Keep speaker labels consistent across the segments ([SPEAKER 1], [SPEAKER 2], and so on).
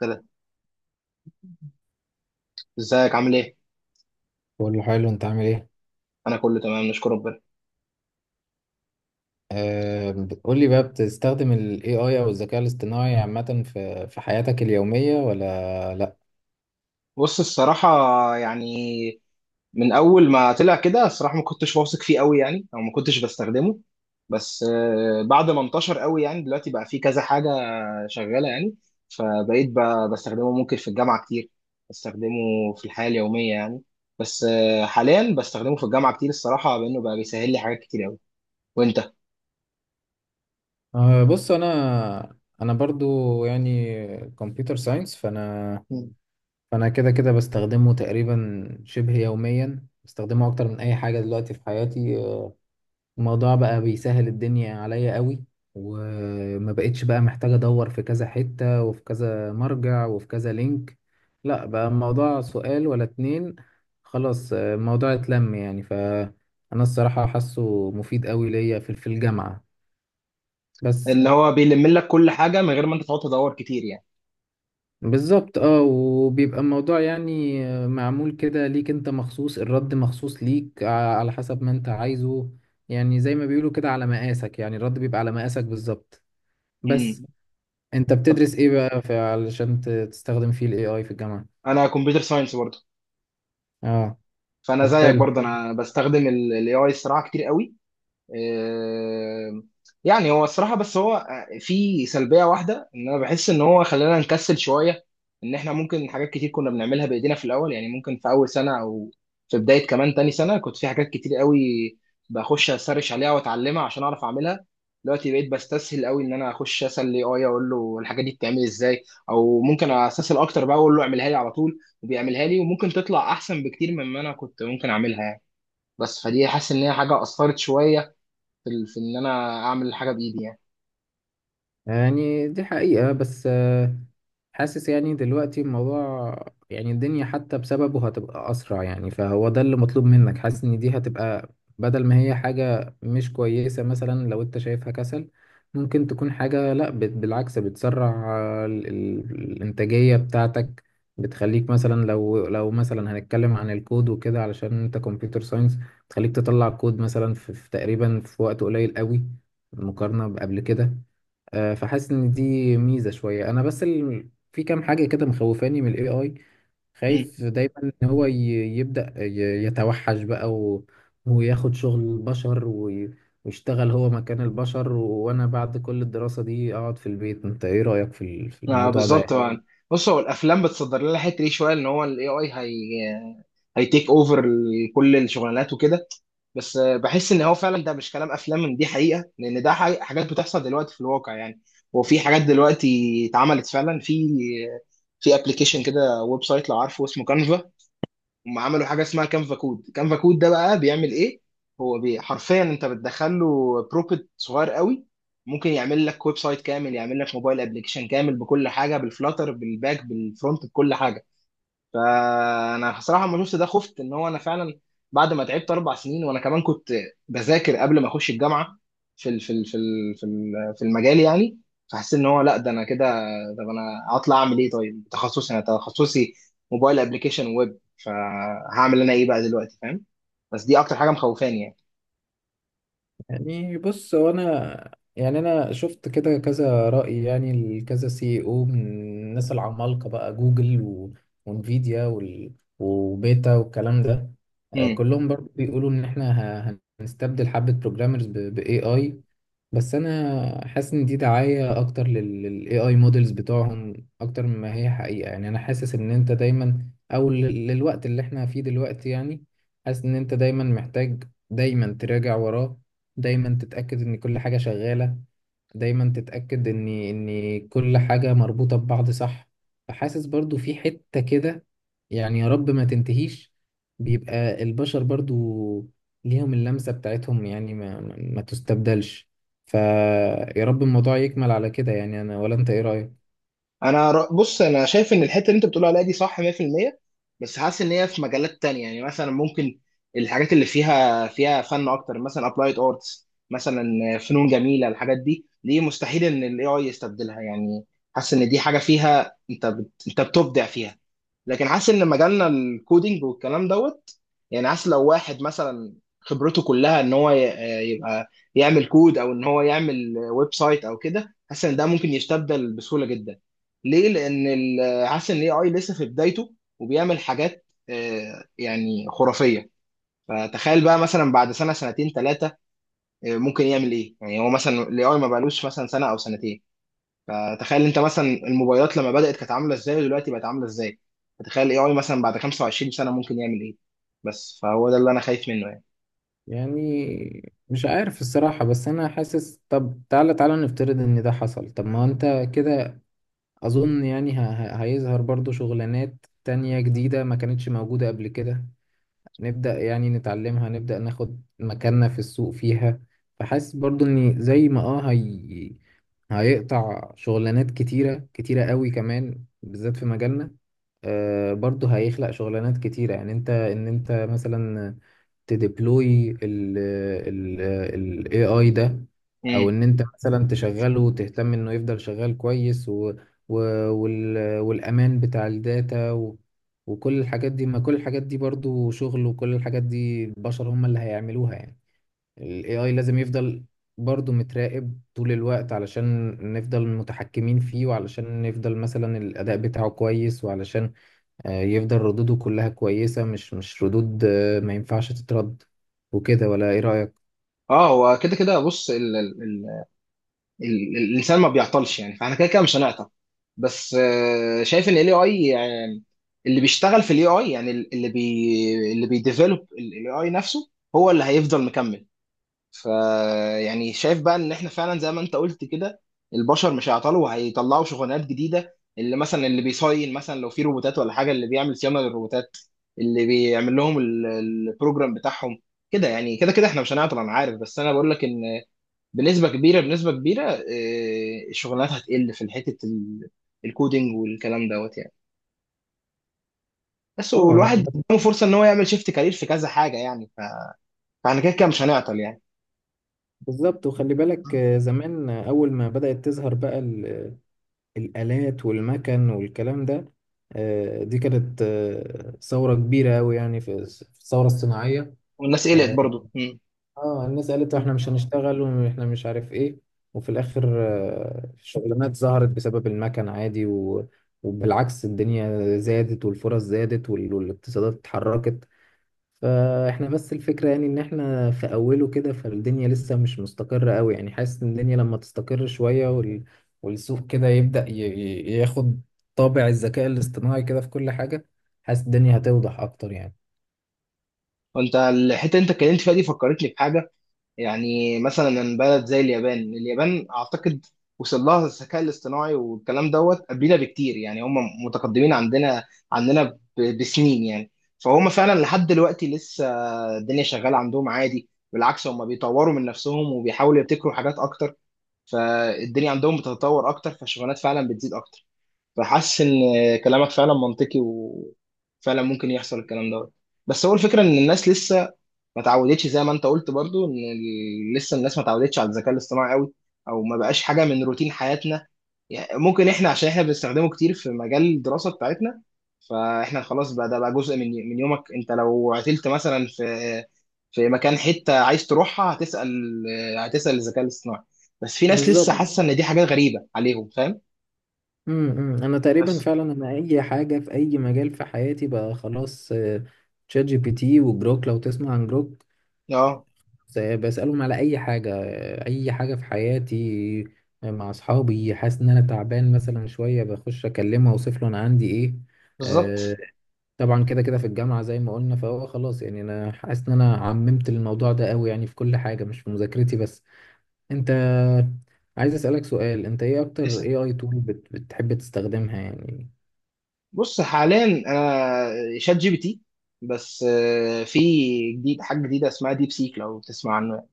[SPEAKER 1] كده، ازيك؟ عامل ايه؟
[SPEAKER 2] كله حلو، انت عامل ايه؟
[SPEAKER 1] انا كله تمام، نشكر ربنا.
[SPEAKER 2] آه، قول لي بقى، بتستخدم ال AI او الذكاء الاصطناعي عامة في حياتك اليومية ولا لا؟
[SPEAKER 1] بص الصراحه، يعني من اول ما طلع كده الصراحه ما كنتش واثق فيه قوي يعني، او ما كنتش بستخدمه. بس آه، بعد ما انتشر قوي يعني دلوقتي بقى فيه كذا حاجه شغاله يعني. فبقيت بستخدمه ممكن في الجامعه كتير، بستخدمه في الحياه اليوميه يعني. بس آه، حاليا بستخدمه في الجامعه كتير الصراحه، بانه بقى بيسهل لي حاجات كتير قوي. وانت؟
[SPEAKER 2] آه بص، انا برضو يعني كمبيوتر ساينس فانا.
[SPEAKER 1] مم.
[SPEAKER 2] فانا كده كده بستخدمه تقريبا شبه يوميا، بستخدمه اكتر من اي حاجة دلوقتي في حياتي. الموضوع بقى بيسهل الدنيا عليا قوي، وما بقتش بقى محتاج ادور في كذا حتة وفي كذا مرجع وفي كذا لينك. لا، بقى الموضوع سؤال ولا اتنين. خلاص الموضوع اتلم يعني. فانا الصراحة حاسه مفيد قوي ليا في الجامعة بس.
[SPEAKER 1] اللي هو بيلم لك كل حاجه من غير ما انت تقعد تدور كتير يعني.
[SPEAKER 2] بالظبط اه، وبيبقى الموضوع يعني، معمول كده ليك انت مخصوص، الرد مخصوص ليك على حسب ما انت عايزه. يعني زي ما بيقولوا كده على مقاسك، يعني الرد بيبقى على مقاسك بالظبط. بس
[SPEAKER 1] مم.
[SPEAKER 2] انت
[SPEAKER 1] طب
[SPEAKER 2] بتدرس ايه بقى في علشان تستخدم فيه الاي اي في الجامعة؟
[SPEAKER 1] انا كمبيوتر ساينس،
[SPEAKER 2] اه
[SPEAKER 1] فانا
[SPEAKER 2] طب
[SPEAKER 1] زيك
[SPEAKER 2] حلو.
[SPEAKER 1] برضه انا بستخدم الاي اي الصراحه كتير قوي. آه، يعني هو الصراحة بس هو آه، في سلبية واحدة ان انا بحس ان هو خلانا نكسل شوية. ان احنا ممكن حاجات كتير كنا بنعملها بايدينا في الاول، يعني ممكن في اول سنة او في بداية كمان تاني سنة كنت في حاجات كتير قوي بخش اسرش عليها واتعلمها عشان اعرف اعملها. دلوقتي بقيت بستسهل قوي ان انا اخش اسال اي اي اقول له الحاجه دي بتتعمل ازاي، او ممكن استسهل اكتر بقى اقول له اعملها لي على طول وبيعملها لي، وممكن تطلع احسن بكتير مما انا كنت ممكن اعملها يعني. بس فدي حاسس ان هي حاجه اثرت شويه في، في ان انا اعمل حاجه بايدي يعني.
[SPEAKER 2] يعني دي حقيقة، بس حاسس يعني دلوقتي الموضوع، يعني الدنيا حتى بسببه هتبقى أسرع، يعني فهو ده اللي مطلوب منك. حاسس إن دي هتبقى، بدل ما هي حاجة مش كويسة مثلا لو أنت شايفها كسل، ممكن تكون حاجة لأ، بالعكس، بتسرع الإنتاجية بتاعتك. بتخليك مثلا، لو مثلا هنتكلم عن الكود وكده علشان أنت كمبيوتر ساينس، تخليك تطلع كود مثلا في تقريبا في وقت قليل قوي مقارنة بقبل كده. فحاسس ان دي ميزه شويه. انا بس في كام حاجه كده مخوفاني من الاي اي. خايف
[SPEAKER 1] مم.
[SPEAKER 2] دايما ان هو يبدا يتوحش بقى وياخد شغل البشر ويشتغل هو مكان البشر وانا بعد كل الدراسه دي اقعد في البيت. انت ايه رايك في في
[SPEAKER 1] آه
[SPEAKER 2] الموضوع
[SPEAKER 1] بالظبط
[SPEAKER 2] ده؟
[SPEAKER 1] آه. يعني بص، هو الافلام بتصدر لنا الحته دي شويه، ان هو الاي اي هي هيتيك اوفر كل الشغلانات وكده. بس آه، بحس ان هو فعلا ده مش كلام افلام، ان دي حقيقه، لان ده حقيقة حاجات بتحصل دلوقتي في الواقع يعني. وفي حاجات دلوقتي اتعملت فعلا في في ابلكيشن كده، ويب سايت، لو عارفه اسمه كانفا. هم عملوا حاجه اسمها كانفا كود. كانفا كود ده بقى بيعمل ايه؟ هو بي حرفيا انت بتدخل له بروبت صغير قوي، ممكن يعمل لك ويب سايت كامل، يعمل لك موبايل ابلكيشن كامل بكل حاجه، بالفلاتر بالباك بالفرونت بكل حاجه. فانا بصراحه لما شفت ده خفت، ان هو انا فعلا بعد ما تعبت اربع سنين، وانا كمان كنت بذاكر قبل ما اخش الجامعه في في المجال يعني. فحسيت ان هو لا، ده انا كده طب انا هطلع اعمل ايه؟ طيب تخصصي، انا تخصصي موبايل ابلكيشن ويب، فهعمل انا ايه بقى دلوقتي فاهم؟ بس دي اكتر حاجه مخوفاني.
[SPEAKER 2] يعني بص، هو انا يعني انا شفت كده كذا رأي يعني لكذا سي او من الناس العمالقة بقى، جوجل وانفيديا وبيتا والكلام ده.
[SPEAKER 1] يعني
[SPEAKER 2] كلهم برضه بيقولوا ان احنا هنستبدل حبة بروجرامرز باي اي. بس انا حاسس ان دي دعاية اكتر للاي اي مودلز بتوعهم اكتر مما هي حقيقة. يعني انا حاسس ان انت دايما، او للوقت اللي احنا فيه دلوقتي يعني، حاسس ان انت دايما محتاج دايما تراجع وراه، دايما تتأكد ان كل حاجة شغالة، دايما تتأكد ان كل حاجة مربوطة ببعض صح. فحاسس برضو في حتة كده، يعني يا رب ما تنتهيش، بيبقى البشر برضو ليهم اللمسة بتاعتهم، يعني ما تستبدلش. فيا رب الموضوع يكمل على كده يعني. انا، ولا انت ايه رأيك؟
[SPEAKER 1] انا بص انا شايف ان الحته اللي انت بتقول عليها دي صح 100%. بس حاسس ان هي في مجالات تانية، يعني مثلا ممكن الحاجات اللي فيها فن اكتر، مثلا ابلايد ارتس مثلا، فنون جميله، الحاجات دي دي مستحيل ان الاي اي يستبدلها يعني. حاسس ان دي حاجه فيها انت انت بتبدع فيها. لكن حاسس ان مجالنا الكودينج والكلام دوت يعني، حاسس لو واحد مثلا خبرته كلها ان هو يبقى يعمل كود، او ان هو يعمل ويب سايت او كده، حاسس ان ده ممكن يستبدل بسهوله جدا. ليه؟ لان حاسس ان الاي اي لسه في بدايته، وبيعمل حاجات آه، يعني خرافيه. فتخيل بقى مثلا بعد سنه سنتين ثلاثه ممكن يعمل ايه، يعني هو مثلا الاي اي ما بقالوش مثلا سنه او سنتين. فتخيل انت مثلا الموبايلات لما بدأت كانت عامله ازاي ودلوقتي بقت عامله ازاي، فتخيل الاي اي مثلا بعد 25 سنه ممكن يعمل ايه. بس فهو ده اللي انا خايف منه يعني.
[SPEAKER 2] يعني مش عارف الصراحة، بس انا حاسس طب تعالى، نفترض ان ده حصل، طب ما هو انت كده أظن يعني هيظهر برضو شغلانات تانية جديدة ما كانتش موجودة قبل كده، نبدأ يعني نتعلمها، نبدأ ناخد مكاننا في السوق فيها. فحاسس برضو إن زي ما اه هيقطع شغلانات كتيرة كتيرة قوي كمان بالذات في مجالنا، آه برضو هيخلق شغلانات كتيرة. يعني انت، انت مثلا تديبلوي ال AI ده، او
[SPEAKER 1] امم.
[SPEAKER 2] ان انت مثلا تشغله وتهتم انه يفضل شغال كويس و والامان بتاع الداتا و وكل الحاجات دي، ما كل الحاجات دي برضو شغل، وكل الحاجات دي البشر هم اللي هيعملوها يعني. ال AI لازم يفضل برضو متراقب طول الوقت علشان نفضل متحكمين فيه، وعلشان نفضل مثلا الأداء بتاعه كويس، وعلشان يفضل ردوده كلها كويسة، مش ردود ما ينفعش تترد وكده. ولا ايه رأيك؟
[SPEAKER 1] اه، هو كده كده بص ال ال ال ال الانسان ما بيعطلش يعني، فاحنا كده كده مش هنعطل. بس آه، شايف ان الاي اي يعني اللي بيشتغل في الاي اي، يعني اللي بيديفلوب الاي اي نفسه هو اللي هيفضل مكمل. فيعني شايف بقى ان احنا فعلا زي ما انت قلت كده البشر مش هيعطلوا وهيطلعوا شغلانات جديده. اللي مثلا اللي بيصين مثلا، لو في روبوتات ولا حاجه، اللي بيعمل صيانه للروبوتات، اللي بيعمل لهم البروجرام بتاعهم. كده يعني، كده كده احنا مش هنعطل انا عارف، بس انا بقول لك ان بنسبه كبيره آه، الشغلانات هتقل في حته الكودينج والكلام دوت يعني. بس
[SPEAKER 2] اه
[SPEAKER 1] والواحد قدامه فرصه ان هو يعمل شيفت كارير في كذا حاجه يعني فاحنا كده كده مش هنعطل يعني.
[SPEAKER 2] بالظبط. وخلي بالك زمان، أول ما بدأت تظهر بقى الآلات والمكن والكلام ده، دي كانت ثورة كبيرة أوي يعني، في الثورة الصناعية.
[SPEAKER 1] والناس قلقت
[SPEAKER 2] آه،
[SPEAKER 1] برضه.
[SPEAKER 2] اه، الناس قالت احنا مش هنشتغل واحنا مش عارف ايه، وفي الاخر الشغلانات ظهرت بسبب المكن عادي وبالعكس الدنيا زادت والفرص زادت والاقتصادات اتحركت. فاحنا بس الفكرة يعني ان احنا في اوله كده، فالدنيا لسه مش مستقرة قوي يعني. حاسس ان الدنيا لما تستقر شوية والسوق كده يبدأ ياخد طابع الذكاء الاصطناعي كده في كل حاجة، حاسس الدنيا هتوضح اكتر يعني.
[SPEAKER 1] وانت الحته اللي انت اتكلمت فيها دي فكرتني بحاجه، يعني مثلا من بلد زي اليابان. اليابان اعتقد وصل لها الذكاء الاصطناعي والكلام دوت قبلنا بكتير، يعني هم متقدمين عندنا عندنا بسنين يعني. فهم فعلا لحد دلوقتي لسه الدنيا شغاله عندهم عادي، بالعكس هم بيطوروا من نفسهم وبيحاولوا يبتكروا حاجات اكتر، فالدنيا عندهم بتتطور اكتر، فالشغلانات فعلا بتزيد اكتر. فحاسس ان كلامك فعلا منطقي، وفعلا ممكن يحصل الكلام دوت. بس هو الفكره ان الناس لسه ما تعودتش، زي ما انت قلت برضو، ان لسه الناس ما تعودتش على الذكاء الاصطناعي قوي، او ما بقاش حاجه من روتين حياتنا يعني. ممكن احنا عشان احنا بنستخدمه كتير في مجال الدراسه بتاعتنا، فاحنا خلاص بقى ده بقى جزء من يومك. انت لو عتلت مثلا في في مكان، حته عايز تروحها، هتسال، هتسال الذكاء الاصطناعي. بس في ناس لسه
[SPEAKER 2] بالظبط.
[SPEAKER 1] حاسه ان دي حاجات غريبه عليهم، فاهم؟
[SPEAKER 2] انا تقريبا
[SPEAKER 1] بس
[SPEAKER 2] فعلا، انا اي حاجه في اي مجال في حياتي بقى خلاص، تشات جي بي تي وجروك، لو تسمع عن جروك،
[SPEAKER 1] اه
[SPEAKER 2] بسالهم على اي حاجه، اي حاجه في حياتي. مع اصحابي، حاسس ان انا تعبان مثلا شويه، بخش اكلمه اوصف له انا عندي ايه. آه،
[SPEAKER 1] بالظبط.
[SPEAKER 2] طبعا كده كده في الجامعه زي ما قلنا، فهو خلاص يعني. انا حاسس ان انا عممت الموضوع ده قوي يعني في كل حاجه، مش في مذاكرتي بس. انت عايز اسالك سؤال، انت ايه اكتر اي اي تول بتحب تستخدمها يعني؟
[SPEAKER 1] بص حاليا انا شات جي بي تي، بس آه، في جديد، حاجه جديده اسمها ديب سيك، لو تسمع عنه يعني.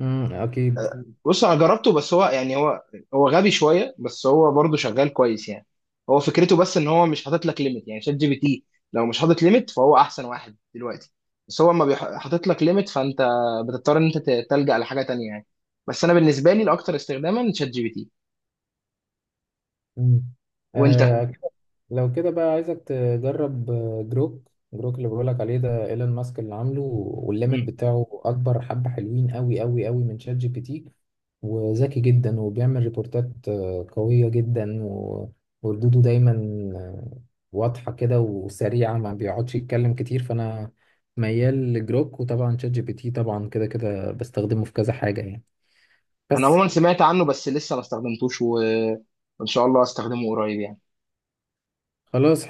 [SPEAKER 2] امم، اكيد.
[SPEAKER 1] بص انا جربته، بس هو يعني هو غبي شويه، بس هو برضه شغال كويس يعني. هو فكرته بس ان هو مش حاطط لك ليميت. يعني شات جي بي تي لو مش حاطط ليميت فهو احسن واحد دلوقتي، بس هو ما حاطط لك ليميت، فانت بتضطر ان انت تلجأ لحاجه تانية يعني. بس انا بالنسبه لي الاكثر استخداما شات جي بي تي.
[SPEAKER 2] مم.
[SPEAKER 1] وانت؟
[SPEAKER 2] آه، لو كده بقى عايزك تجرب جروك. اللي بقولك عليه ده ايلون ماسك اللي عامله، والليمت
[SPEAKER 1] مم.
[SPEAKER 2] بتاعه اكبر حبة، حلوين قوي قوي قوي من شات جي بي تي وذكي جدا، وبيعمل ريبورتات قوية جدا وردوده دايما آه، واضحة كده وسريعة، ما بيقعدش يتكلم كتير. فانا ميال لجروك، وطبعا شات جي بي تي طبعا كده كده بستخدمه في كذا حاجة يعني.
[SPEAKER 1] انا
[SPEAKER 2] بس
[SPEAKER 1] عموما سمعت عنه، بس لسه ما استخدمتوش و... وان شاء الله استخدمه قريب يعني.
[SPEAKER 2] خلاص.